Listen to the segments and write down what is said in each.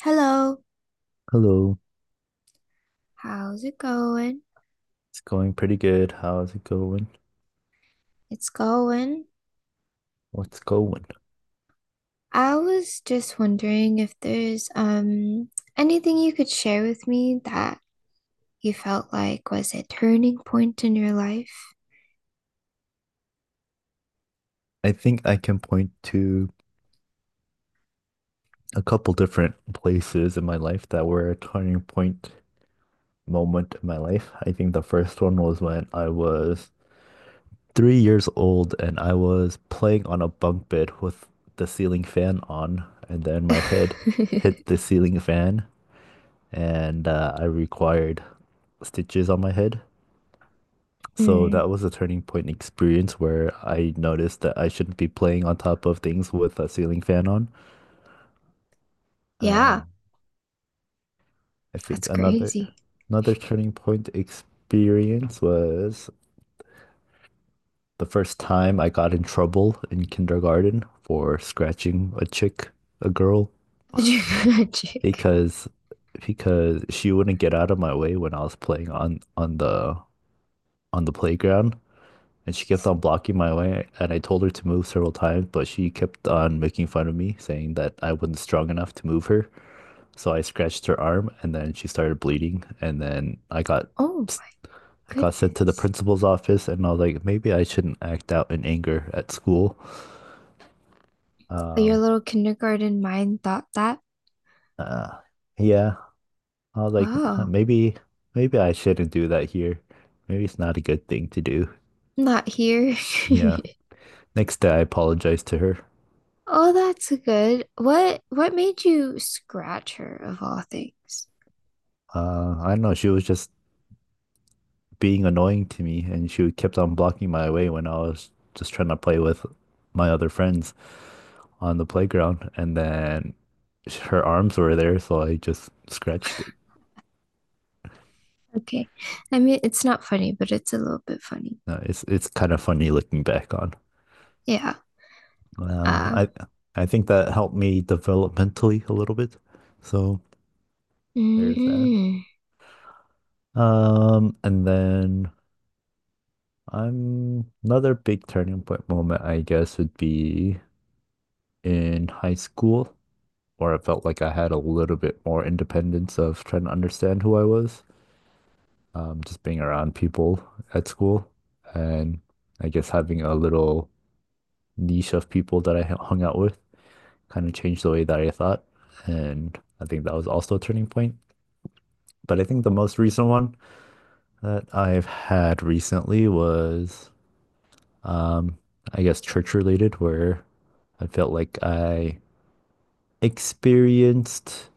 Hello, Hello, how's it going? it's going pretty good. How's it going? It's going. What's going? I was just wondering if there's anything you could share with me that you felt like was a turning point in your life. I think I can point to a couple different places in my life that were a turning point moment in my life. I think the first one was when I was 3 years old and I was playing on a bunk bed with the ceiling fan on, and then my head hit the ceiling fan and I required stitches on my head. So Mm, that was a turning point experience where I noticed that I shouldn't be playing on top of things with a ceiling fan on. Uh, yeah, I think that's another crazy. another turning point experience was the first time I got in trouble in kindergarten for scratching a chick, a girl, Magic, magic. because because she wouldn't get out of my way when I was playing on the playground. And she kept on blocking my way, and I told her to move several times, but she kept on making fun of me, saying that I wasn't strong enough to move her. So I scratched her arm, and then she started bleeding, and then I got Oh my I got sent to the goodness. principal's office, and I was like, maybe I shouldn't act out in anger at school. Your Um, little kindergarten mind thought that. uh, yeah, I was like, "Huh, Wow, maybe I shouldn't do that here. Maybe it's not a good thing to do." not here. Yeah. Next day, I apologized to her. Oh, that's good. What made you scratch her of all things? I don't know. She was just being annoying to me, and she kept on blocking my way when I was just trying to play with my other friends on the playground. And then her arms were there, so I just scratched it. Okay. I mean, it's not funny, but it's a little bit funny. It's kind of funny looking back on. Yeah. Um, Uh, I I think that helped me developmentally a little bit. So there's that. mm, And then I'm another big turning point moment, I guess, would be in high school. Or it felt like I had a little bit more independence of trying to understand who I was, just being around people at school, and I guess having a little niche of people that I hung out with kind of changed the way that I thought, and I think that was also a turning point. But I think the most recent one that I've had recently was, um, I guess, church related, where I felt like I experienced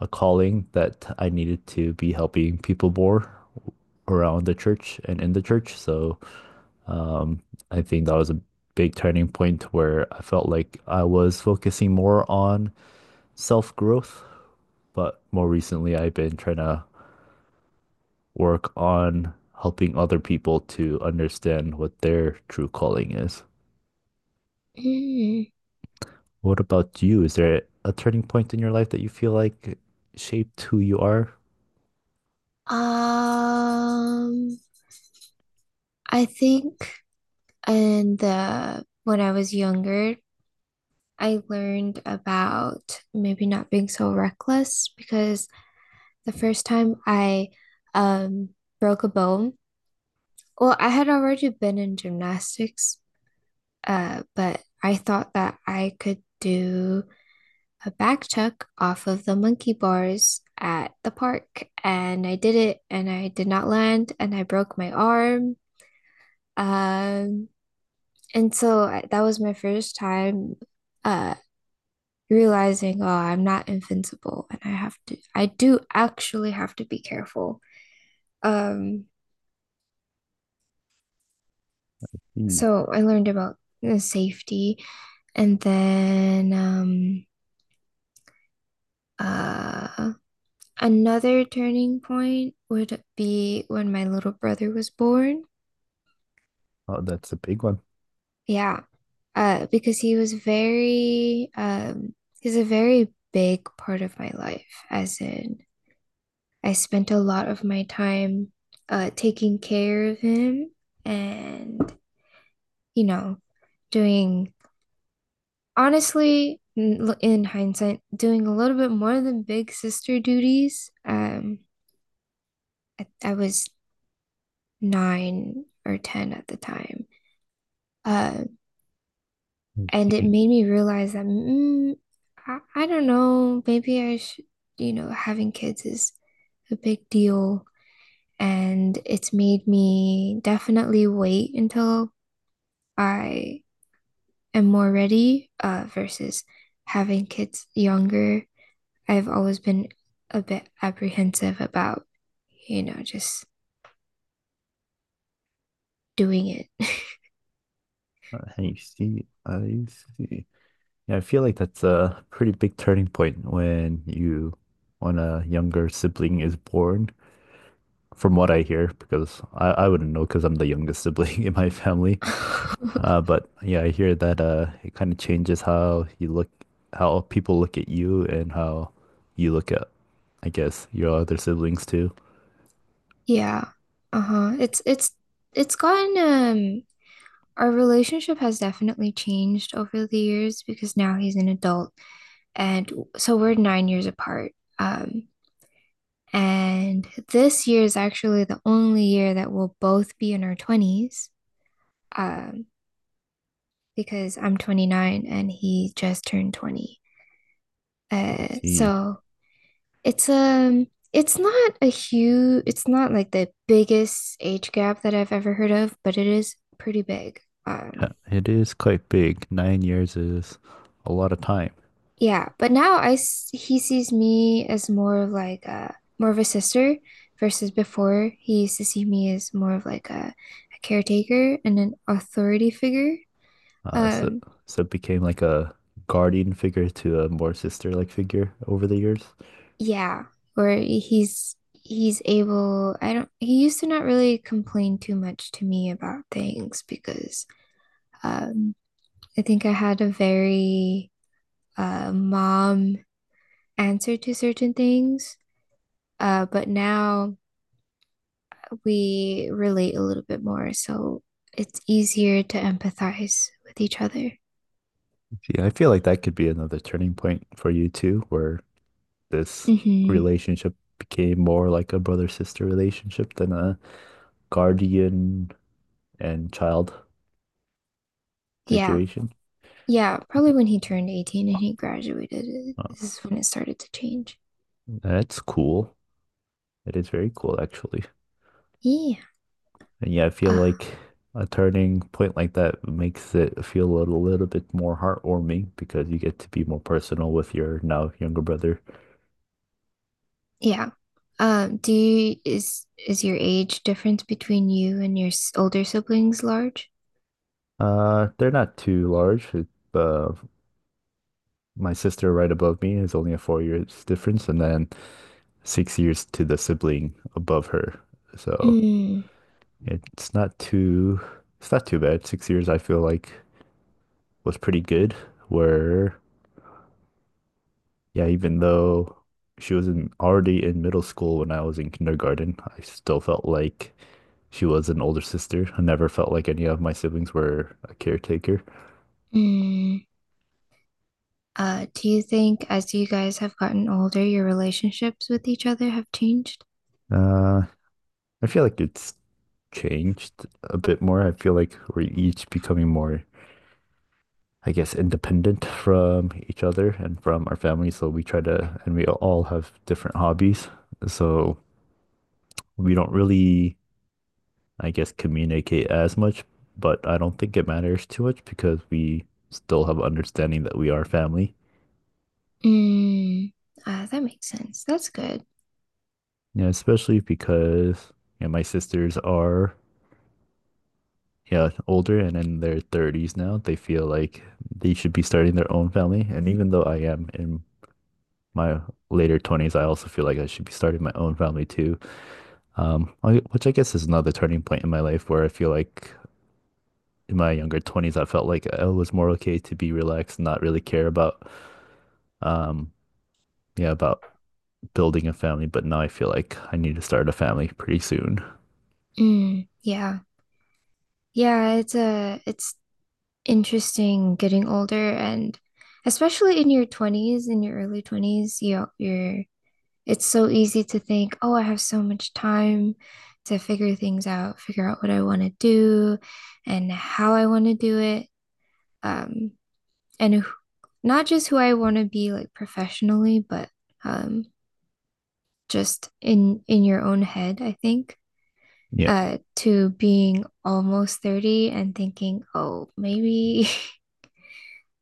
a calling that I needed to be helping people more around the church and in the church. So um, I think that was a big turning point where I felt like I was focusing more on self growth. But more recently, I've been trying to work on helping other people to understand what their true calling is. mm. What about you? Is there a turning point in your life that you feel like shaped who you are? Um, I think in the when I was younger, I learned about maybe not being so reckless because the first time I um broke a bone. Well, I had already been in gymnastics, but I thought that I could do a back tuck off of the monkey bars at the park, and I did it and I did not land, and I broke my arm. Um, and so that was my first time uh realizing, oh, I'm not invincible and I have to I do actually have to be careful. Um, Hmm. so I learned about the safety. And then uh another turning point would be when my little brother was born. Oh, that's a big one. Yeah, because he was very, he's a very big part of my life, as in I spent a lot of my time taking care of him and, you know, doing, honestly, in hindsight, doing a little bit more than big sister duties. I was nine or 10 at the time. Uh, I And it see. made me realize that, I don't know, maybe I should, you know, having kids is a big deal. And it's made me definitely wait until I am more ready, versus having kids younger. I've always been a bit apprehensive about, you know, just doing it. I see. Yeah, I feel like that's a pretty big turning point when a younger sibling is born, from what I hear, because I wouldn't know because I'm the youngest sibling in my family. But yeah, I hear that it kind of changes how you look, how people look at you and how you look at, I guess, your other siblings too. Yeah. Uh-huh. It's gotten Our relationship has definitely changed over the years because now he's an adult. And so we're 9 years apart. Um, and this year is actually the only year that we'll both be in our 20s, um, because I'm 29 and he just turned 20. See, So it's um it's not a huge, it's not like the biggest age gap that I've ever heard of, but it is pretty big. yeah, Um, it is quite big. 9 years is a lot of time. Yeah, but now he sees me as more of like a more of a sister versus before he used to see me as more of like a caretaker and an authority figure. Uh, so Um, so it became like a guardian figure to a more sister-like figure over the years. yeah, where he's able, I don't, he used to not really complain too much to me about things because um I think I had a very mom answer to certain things. But now we relate a little bit more, so it's easier to empathize with each other. Yeah, I feel like that could be another turning point for you too, where this hmm relationship became more like a brother-sister relationship than a guardian and child Yeah. situation. Yeah, probably when he turned 18 and he graduated, Uh, this is when it started to change. that's cool. It is very cool actually. Yeah. And yeah, I feel Uh, like a turning point like that makes it feel a little bit more heartwarming because you get to be more personal with your now younger brother. yeah. Do you, is your age difference between you and your older siblings large? They're not too large. Uh, my sister right above me is only a 4 years difference, and then 6 years to the sibling above her. So Mm, it's not too, it's not too bad. 6 years I feel like was pretty good. Where yeah, even though already in middle school when I was in kindergarten, I still felt like she was an older sister. I never felt like any of my siblings were a caretaker. mm. Do you think as you guys have gotten older, your relationships with each other have changed? Uh, I feel like it's changed a bit more. I feel like we're each becoming more, I guess, independent from each other and from our family. And we all have different hobbies. So we don't really, I guess, communicate as much, but I don't think it matters too much because we still have understanding that we are family. Mm, that makes sense. That's good. Yeah, especially because, my sisters are, yeah, older and in their 30s now, they feel like they should be starting their own family. And even though I am in my later 20s, I also feel like I should be starting my own family too. Which I guess is another turning point in my life where I feel like in my younger 20s, I felt like I was more okay to be relaxed and not really care um, yeah, about building a family. But now I feel like I need to start a family pretty soon. Mm, yeah. Yeah, it's interesting getting older, and especially in your 20s, in your early 20s, you're it's so easy to think, "Oh, I have so much time to figure things out, figure out what I want to do and how I want to do it." Um, and who, not just who I want to be like professionally, but um just in your own head, I think. Yeah. To being almost 30 and thinking, oh, maybe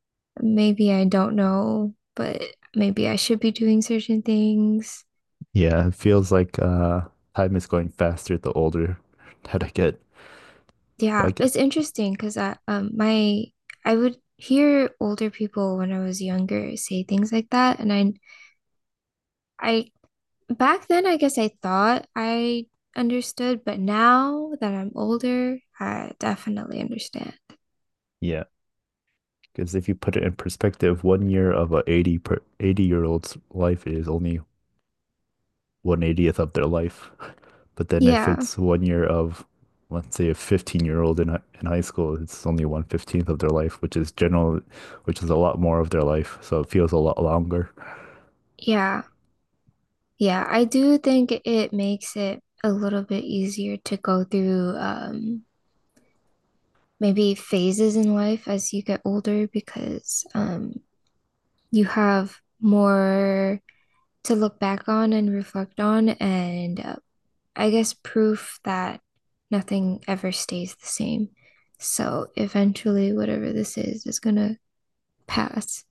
maybe I don't know, but maybe I should be doing certain things. Yeah, it feels like time is going faster the older that I get. Yeah, Like, it's interesting because I would hear older people when I was younger say things like that, and I back then I guess I thought I understood, but now that I'm older, I definitely understand. yeah, because if you put it in perspective, one year of a 80 per 80-year old's life is only 1/80th of their life. But then if Yeah. it's one year of let's say a 15-year-old in high school, it's only 1/15th of their life, which is a lot more of their life. So it feels a lot longer. Yeah. Yeah, I do think it makes it a little bit easier to go through maybe phases in life as you get older, because you have more to look back on and reflect on, and I guess proof that nothing ever stays the same. So eventually, whatever this is gonna pass.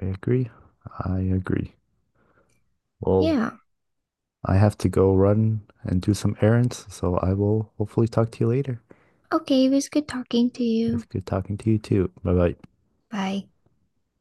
I agree. I agree. Well, Yeah. I have to go run and do some errands, so I will hopefully talk to you later. Okay, it was good talking to It's you. good talking to you too. Bye bye. Bye.